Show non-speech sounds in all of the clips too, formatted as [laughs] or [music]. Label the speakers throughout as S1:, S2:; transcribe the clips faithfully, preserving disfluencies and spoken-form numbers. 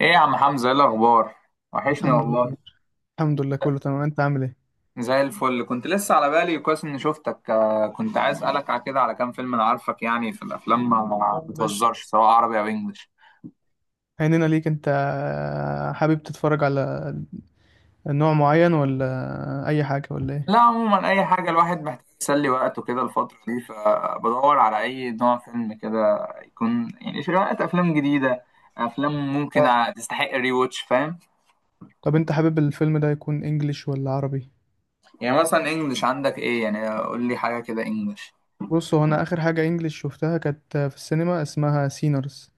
S1: ايه يا عم حمزة، ايه الاخبار؟ وحشني
S2: الحمد
S1: والله.
S2: لله. الحمد لله، كله تمام. انت عامل ايه؟
S1: زي الفل. كنت لسه على بالي، كويس اني شفتك. آه، كنت عايز اسالك على كده، على كام فيلم. انا عارفك يعني في الافلام ما
S2: اه يا باشا،
S1: بتهزرش سواء عربي او انجليش.
S2: هيننا ليك. انت حابب تتفرج على نوع معين ولا اي حاجة، ولا ايه؟
S1: لا عموما اي حاجه، الواحد محتاج يسلي وقته كده الفتره دي، فبدور على اي نوع فيلم كده يكون يعني شوية افلام جديده، افلام ممكن
S2: اه.
S1: تستحق ري واتش، فاهم؟
S2: طب انت حابب الفيلم ده يكون انجليش ولا عربي؟
S1: يعني مثلا انجليش، عندك ايه؟ يعني قول لي حاجه كده انجليش.
S2: بص، هو انا اخر حاجة انجليش شفتها كانت في السينما، اسمها سينرز.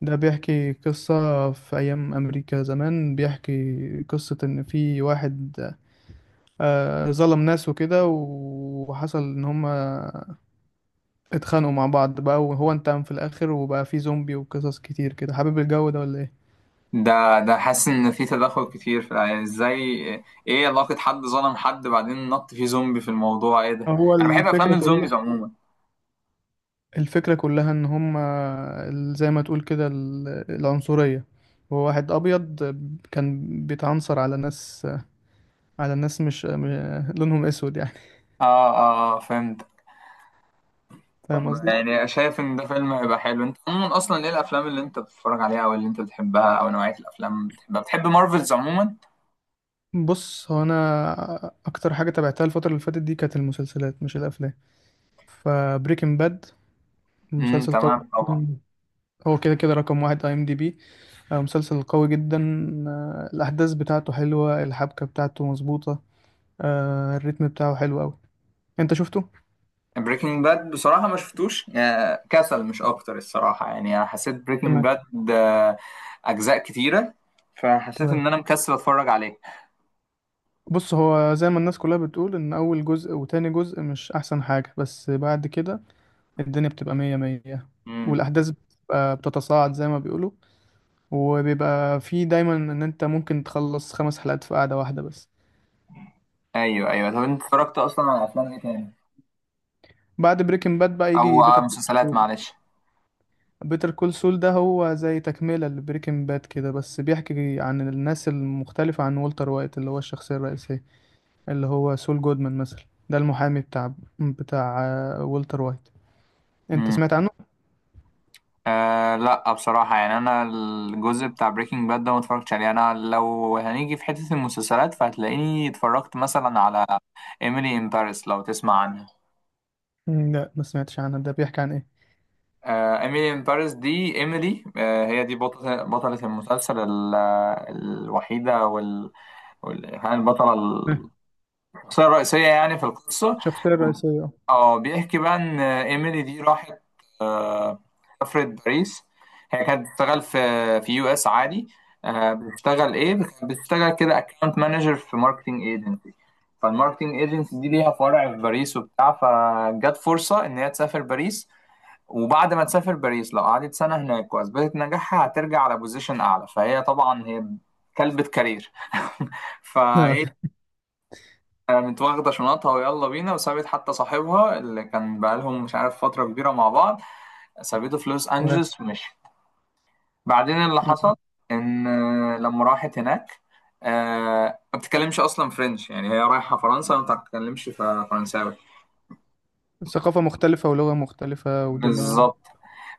S2: ده بيحكي قصة في أيام أمريكا زمان، بيحكي قصة إن في واحد آه، ظلم ناس وكده. وحصل إن هما اتخانقوا مع بعض بقى، وهو انتقم في الاخر وبقى في زومبي وقصص كتير كده. حابب الجو ده ولا ايه؟
S1: ده ده حاسس ان في تدخل كتير في العيال. ازاي؟ ايه علاقة حد ظلم حد بعدين نط فيه زومبي في الموضوع؟ ايه ده؟
S2: هو
S1: انا بحب افلام
S2: الفكرة كلها
S1: الزومبيز عموما.
S2: الفكرة كلها ان هما ال- زي ما تقول كده ال- العنصرية. هو واحد ابيض كان بيتعنصر على ناس على ناس مش م- لونهم اسود يعني.
S1: اه، اه، آه، فهمت.
S2: [laughs] فاهم
S1: طب
S2: قصدي؟
S1: يعني شايف ان ده فيلم هيبقى حلو؟ انت عموما اصلا ايه الافلام اللي انت بتتفرج عليها او اللي انت بتحبها او نوعية الافلام اللي بتحبها؟ بتحب مارفلز عموما؟
S2: بص، هو انا اكتر حاجة تابعتها الفترة اللي فاتت دي كانت المسلسلات مش الافلام. فبريكنج باد
S1: امم،
S2: مسلسل قوي.
S1: تمام طبعا.
S2: مم. هو كده كده رقم واحد اي ام دي بي. آه، مسلسل قوي جدا. آه، الأحداث بتاعته حلوة، الحبكة بتاعته مظبوطة. آه، الريتم بتاعه حلو أوي. أنت شفته؟
S1: بريكنج باد بصراحة ما شفتوش. آه، كسل مش اكتر الصراحة. يعني انا حسيت بريكنج
S2: تمام.
S1: باد آه، اجزاء كتيرة، فحسيت
S2: تمام،
S1: ان انا مكسل اتفرج عليه.
S2: بص، هو زي ما الناس كلها بتقول إن أول جزء وتاني جزء مش أحسن حاجة، بس بعد كده الدنيا بتبقى مية مية.
S1: امم.
S2: والأحداث بتبقى بتتصاعد زي ما بيقولوا، وبيبقى في دايما إن أنت ممكن تخلص خمس حلقات في قعدة واحدة. بس
S1: ايوه، ايوه، طب انت اتفرجت اصلا على افلام ايه تاني
S2: بعد بريكنج باد بقى
S1: او
S2: يجي
S1: على
S2: بيتر.
S1: مسلسلات؟ معلش.
S2: بيتر كول سول ده هو زي تكملة لبريكنج باد كده، بس بيحكي عن الناس المختلفة عن والتر وايت اللي هو الشخصية الرئيسية. اللي هو سول جودمان مثلا، ده المحامي بتاع بتاع آه، والتر وايت. انت
S1: امم.
S2: سمعت عنه؟
S1: آه، لا بصراحه. يعني انا الجزء بتاع بريكنج باد ده ما اتفرجتش عليه. انا لو هنيجي في حته المسلسلات، فهتلاقيني اتفرجت مثلا على ايميلي ان باريس، لو تسمع عنها.
S2: مم، لا، ما سمعتش عنه، ده بيحكي عن ايه؟
S1: آه، ايميلي ان باريس دي، ايميلي، آه، هي دي بطله، بطله المسلسل ال- الوحيده وال, وال... يعني البطله،
S2: مم.
S1: الشخصيه الرئيسيه يعني في القصه.
S2: الشخصية الرئيسية.
S1: اه بيحكي بقى ان ايميلي دي راحت، آه، سافرت باريس. هي كانت بتشتغل في في يو اس عادي. آه، بتشتغل ايه؟ كانت بتشتغل كده اكونت مانجر في ماركتنج ايجنسي. فالماركتنج ايجنسي دي ليها فرع في باريس وبتاع، فجت فرصة ان هي تسافر باريس، وبعد ما تسافر باريس لو قعدت سنة هناك واثبتت نجاحها هترجع على بوزيشن اعلى. فهي طبعا هي كلبة كارير. [laughs]
S2: اه،
S1: فايه، كانت واخدة شنطها ويلا بينا وسابت حتى صاحبها اللي كان بقالهم مش عارف فترة كبيرة مع بعض، سابته في لوس
S2: تمام.
S1: أنجلوس ومشي. بعدين اللي
S2: مم.
S1: حصل إن، آه، لما راحت هناك آه، ما بتتكلمش أصلا فرنش. يعني هي رايحة فرنسا وما بتتكلمش ف- فرنساوي.
S2: ثقافة مختلفة ولغة مختلفة ودنيا.
S1: بالظبط.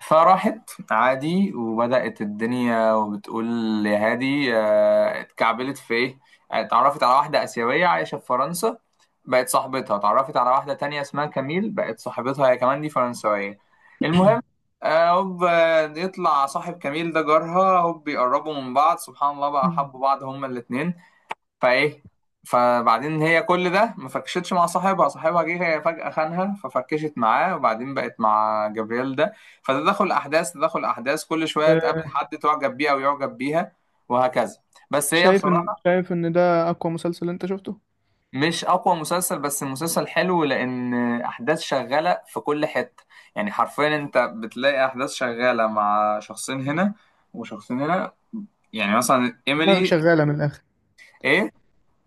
S1: فراحت عادي وبدأت الدنيا وبتقول يا هادي. آه، اتكعبلت في ايه؟ آه، اتعرفت على واحدة آسيوية عايشة في فرنسا، بقت صاحبتها. اتعرفت على واحدة تانية اسمها كميل، بقت صاحبتها هي كمان، دي فرنسوية. المهم، آه، هوب آه، يطلع صاحب كميل ده جارها، هوب بيقربوا من بعض، سبحان الله بقى
S2: مم.
S1: حبوا بعض هما الاتنين. فايه، فبعدين هي كل ده ما فركشتش مع صاحبها. صاحبها جه هي فجأة خانها ففركشت معاه، وبعدين بقت مع جبريل ده. فتدخل احداث، تدخل احداث كل شوية
S2: آه،
S1: تقابل حد تعجب بيه او يعجب بيها، وهكذا. بس هي
S2: شايف ان
S1: بصراحة
S2: شايف ان ده اقوى مسلسل انت شفته؟
S1: مش اقوى مسلسل، بس المسلسل حلو لان احداث شغالة في كل حتة. يعني حرفيا انت بتلاقي احداث شغالة مع شخصين هنا وشخصين هنا. يعني مثلا
S2: دماغك
S1: ايميلي،
S2: شغالة من الاخر.
S1: ايه.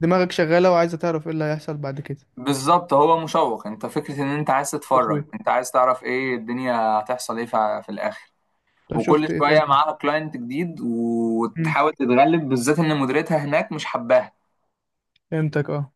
S2: دماغك شغالة، وعايزة تعرف ايه اللي هيحصل بعد كده.
S1: بالظبط، هو مشوق. انت فكرة ان انت عايز تتفرج،
S2: تشويق.
S1: انت عايز تعرف ايه الدنيا هتحصل ايه في في الاخر.
S2: طب
S1: وكل
S2: شفت ايه
S1: شوية
S2: تاني؟
S1: معاها كلاينت جديد
S2: مم.
S1: وتحاول تتغلب، بالذات ان مديرتها هناك مش حباها.
S2: فهمتك، اه.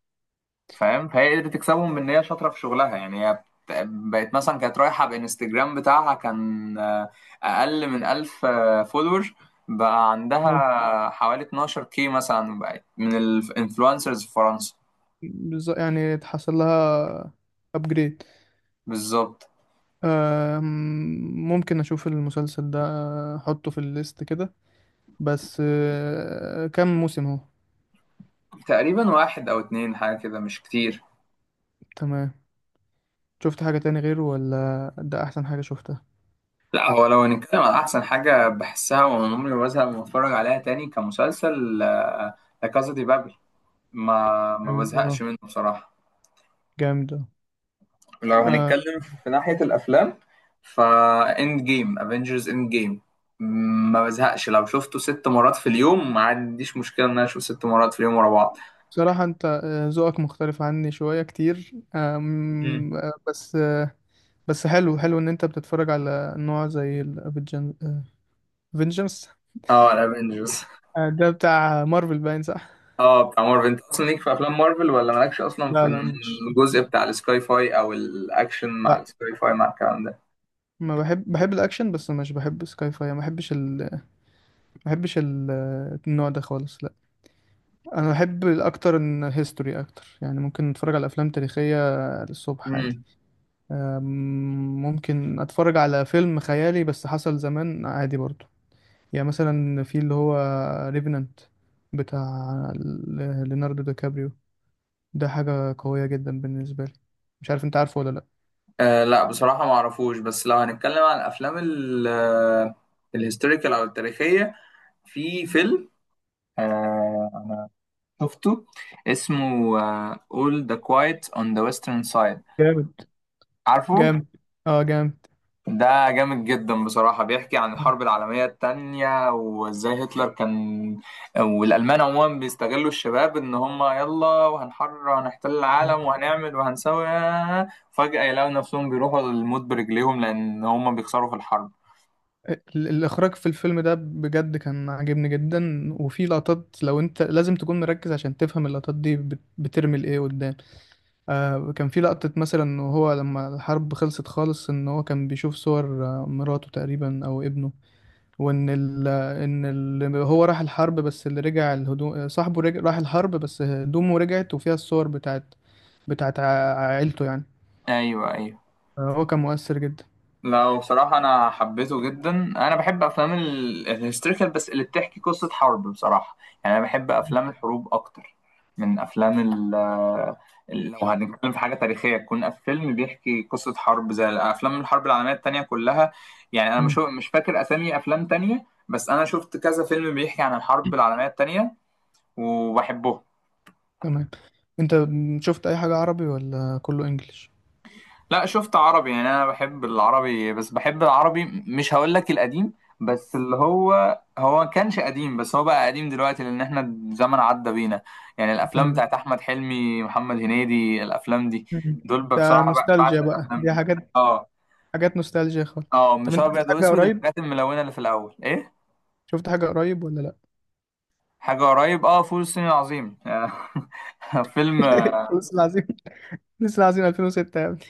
S1: فاهم؟ فهي قدرت تكسبهم بان هي شاطرة في شغلها. يعني هي بت- بقت مثلا، كانت رايحة بانستجرام بتاعها كان آه، اقل من ألف فولور، بقى عندها حوالي 12 كي مثلا. بقت من الانفلونسرز في فرنسا.
S2: بالظبط، يعني اتحصل لها ابجريد.
S1: بالظبط.
S2: ممكن اشوف المسلسل ده، آه، احطه في الليست كده. بس آه، كم موسم هو؟
S1: تقريبا واحد او اتنين، حاجة كده، مش كتير.
S2: تمام. شفت حاجة تاني غيره، ولا ده احسن حاجة شفتها؟
S1: لا هو لو هنتكلم على احسن حاجه بحسها وعمري ما بزهق لما اتفرج عليها تاني كمسلسل، آه، لا كازا دي بابل. ما ما
S2: جامد،
S1: بزهقش
S2: اه.
S1: منه بصراحه.
S2: جامد، اه.
S1: لو
S2: آه،
S1: هنتكلم في ناحيه الافلام، فا اند جيم افنجرز اند جيم، ما بزهقش لو شفته ست مرات في اليوم. ما عنديش مشكله ان انا اشوف ست مرات في اليوم ورا بعض.
S2: بصراحة انت آه، ذوقك مختلف عني شوية كتير،
S1: مم.
S2: آم، آه، بس آه، بس حلو، حلو ان انت بتتفرج على نوع زي الفينجنس.
S1: اه الافنجرز.
S2: آه، ده بتاع مارفل، باين، صح؟
S1: اه بتاع مارفل. انت اصلا ليك في افلام مارفل ولا مالكش اصلا في
S2: لا، لا، مش مش-
S1: الجزء بتاع السكاي فاي او الاكشن مع
S2: لا،
S1: السكاي فاي مع الكلام ده؟
S2: ما بحب، بحب الاكشن بس، مش بحب سكاي فاي. ما بحبش ال... ما بحبش ال... النوع ده خالص، لا. انا بحب الاكتر ان هيستوري اكتر، يعني ممكن اتفرج على افلام تاريخية للصبح عادي.
S1: مم.
S2: آم، ممكن اتفرج على فيلم خيالي بس حصل زمان، عادي برضو. يعني مثلا في اللي هو ريفننت، بتاع ل- ليوناردو دي كابريو. ده حاجة قوية جدا بالنسبة لي، مش عارف انت عارفه ولا لا.
S1: آه، لا بصراحة ما اعرفوش. بس لو هنتكلم عن الافلام ال- آه، الهيستوريكال او التاريخية، في فيلم، آه، شفته، اسمه، آه، All the Quiet on the Western Side،
S2: جامد.
S1: عارفه؟
S2: جامد، اه. جامد.
S1: ده جامد جدا بصراحة. بيحكي عن الحرب العالمية التانية وازاي هتلر كان والألمان عموما بيستغلوا الشباب ان هم يلا وهنحرر وهنحتل العالم
S2: بالظبط.
S1: وهنعمل وهنسوي، آه، فجأة يلاقوا نفسهم بيروحوا للموت برجليهم لأن هم بيخسروا في الحرب.
S2: ال- الإخراج في الفيلم ده بجد كان عاجبني جدا، وفي لقطات لو أنت لازم تكون مركز عشان تفهم اللقطات دي بت- بترمي لإيه قدام. آه، كان في لقطة مثلا، وهو لما الحرب خلصت خالص إن هو كان بيشوف صور آه، مراته تقريبا أو ابنه. وإن ال إن ال هو راح الحرب بس اللي رجع الهدوم، صاحبه رجع، راح الحرب بس هدومه رجعت، وفيها الصور بتاعت بتاعت ع- عيلته يعني.
S1: ايوه، ايوه.
S2: آه، هو كان مؤثر جدا.
S1: لا هو بصراحة أنا حبيته جدا. أنا بحب أفلام ال- الهيستوريكال بس اللي بتحكي قصة حرب بصراحة. يعني أنا بحب أفلام الحروب أكتر من أفلام ال ال- لو هنتكلم في حاجة تاريخية تكون فيلم بيحكي قصة حرب زي أفلام الحرب العالمية التانية كلها. يعني أنا مش
S2: مم.
S1: مش فاكر أسامي أفلام تانية، بس أنا شفت كذا فيلم بيحكي عن الحرب العالمية التانية وبحبهم.
S2: تمام. انت شفت اي حاجة عربي ولا كله انجليش؟
S1: لا شفت عربي. يعني انا بحب العربي، بس بحب العربي مش هقول لك القديم، بس اللي هو هو كانش قديم بس هو بقى قديم دلوقتي لان احنا الزمن عدى بينا. يعني الافلام
S2: تمام.
S1: بتاعت احمد حلمي، محمد هنيدي، الافلام دي
S2: مم.
S1: دول
S2: ده
S1: بصراحة ب-
S2: نوستالجيا
S1: بعشق
S2: بقى،
S1: الافلام
S2: دي
S1: دي.
S2: حاجات
S1: اه،
S2: حاجات نوستالجيا خالص.
S1: اه،
S2: طب
S1: مش
S2: انت شفت
S1: ابيض
S2: حاجة
S1: واسود،
S2: قريب؟
S1: الحاجات الملونة اللي في الاول. ايه؟
S2: شفت حاجة قريب ولا لا؟
S1: حاجة قريب؟ اه، فول الصين العظيم. [laughs] فيلم.
S2: [laughs] فلوس العظيم. فلوس العظيم ألفين وستة يا ابني!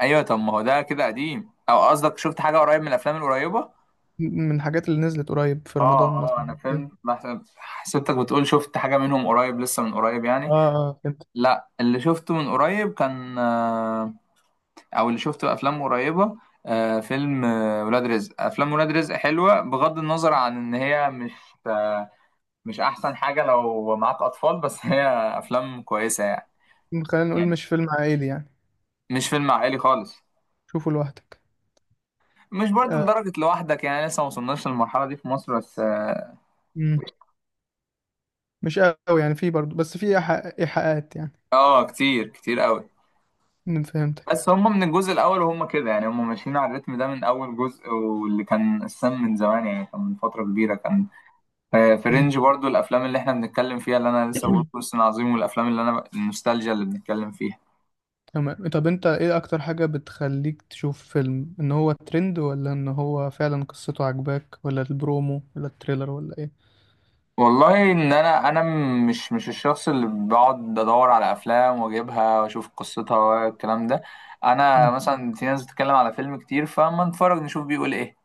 S1: ايوه، طب ما هو ده كده قديم، او قصدك شفت حاجة قريب من الافلام القريبة؟
S2: من الحاجات اللي نزلت قريب في
S1: اه،
S2: رمضان
S1: اه، انا
S2: مثلا كده.
S1: فهمت. بحسب- حسبتك بتقول شفت حاجة منهم قريب، لسه من قريب
S2: اه،
S1: يعني.
S2: اه، فهمت.
S1: لا اللي شفته من قريب كان، آه، او اللي شفته افلام قريبة، آه، فيلم، آه، ولاد رزق. افلام ولاد رزق حلوة، بغض النظر عن ان هي مش، آه، مش احسن حاجة لو معاك اطفال، بس [laughs] هي افلام كويسة يعني.
S2: خلينا نقول
S1: يعني
S2: مش فيلم عائلي يعني.
S1: مش فيلم عائلي خالص.
S2: شوفه لوحدك.
S1: مش برضه
S2: آه.
S1: لدرجة لوحدك يعني، لسه ما وصلناش للمرحلة دي في مصر، بس اه.
S2: مم. مش قوي يعني، في برضه، بس في إيحاء- ايحاءات يعني.
S1: آه، كتير كتير قوي.
S2: أنا فهمتك.
S1: بس هم من الجزء الاول وهم كده، يعني هم ماشيين على الريتم ده من اول جزء. واللي كان السم من زمان يعني، كان من فتره كبيره كان، آه، في
S2: مم.
S1: رينج برضو الافلام اللي احنا بنتكلم فيها، اللي انا لسه بقول
S2: [clears throat]
S1: فلسطين عظيم والافلام اللي انا النوستالجيا اللي بنتكلم فيها.
S2: تمام. طب انت ايه اكتر حاجة بتخليك تشوف فيلم، ان هو ترند ولا ان هو فعلا قصته عجباك، ولا البرومو ولا التريلر ولا ايه؟
S1: والله ان انا، انا م- مش مش الشخص اللي بقعد ادور على افلام واجيبها واشوف قصتها والكلام ده.
S2: [laughs]
S1: انا
S2: مم.
S1: مثلا في ناس بتتكلم على فيلم كتير فما نتفرج نشوف بيقول ايه،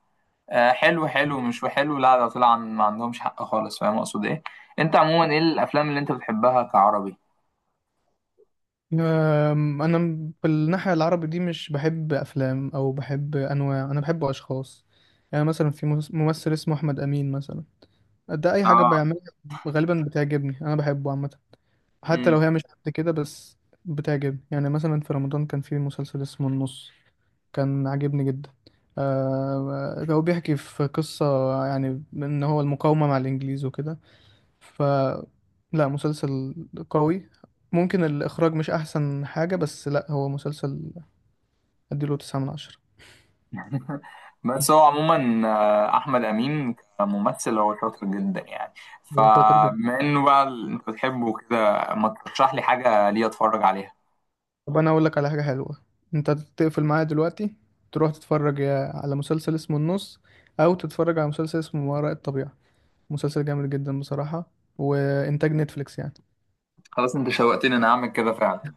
S1: آه، حلو حلو مش وحلو، لا ده طلع عن- ما عندهمش حق خالص. فاهم اقصد ايه؟ انت عموما ايه الافلام اللي انت بتحبها كعربي؟
S2: أم، انا م- بالناحيه العربي دي مش بحب افلام او بحب انواع، انا بحب اشخاص. يعني مثلا في مس- ممثل اسمه احمد امين مثلا. ده اي حاجه
S1: اه.
S2: بيعملها غالبا بتعجبني. انا بحبه عامه، حتى لو
S1: امم.
S2: هي مش قد كده، بس بتعجبني. يعني مثلا في رمضان كان في مسلسل اسمه النص، كان عاجبني جدا. آه، هو بيحكي في قصة، يعني ان هو المقاومة مع الانجليز وكده. ف لا، مسلسل قوي، ممكن الاخراج مش احسن حاجة، بس لا، هو مسلسل اديله تسعة من عشرة.
S1: [laughs] بس هو عموما، آه، احمد امين كممثل هو شاطر جدا يعني.
S2: هو شاطر جدا.
S1: فبما انه بقى ال- انت بتحبه كده، ما ترشح لي حاجه ليه اتفرج عليها.
S2: طب انا اقول لك على حاجة حلوة، انت تقفل معايا دلوقتي، تروح تتفرج يا- على مسلسل اسمه النص، او تتفرج على مسلسل اسمه ما وراء الطبيعة. مسلسل جامد جدا بصراحة، وإنتاج نتفليكس يعني.
S1: خلاص، انت شوقتني. انا اعمل كده فعلا.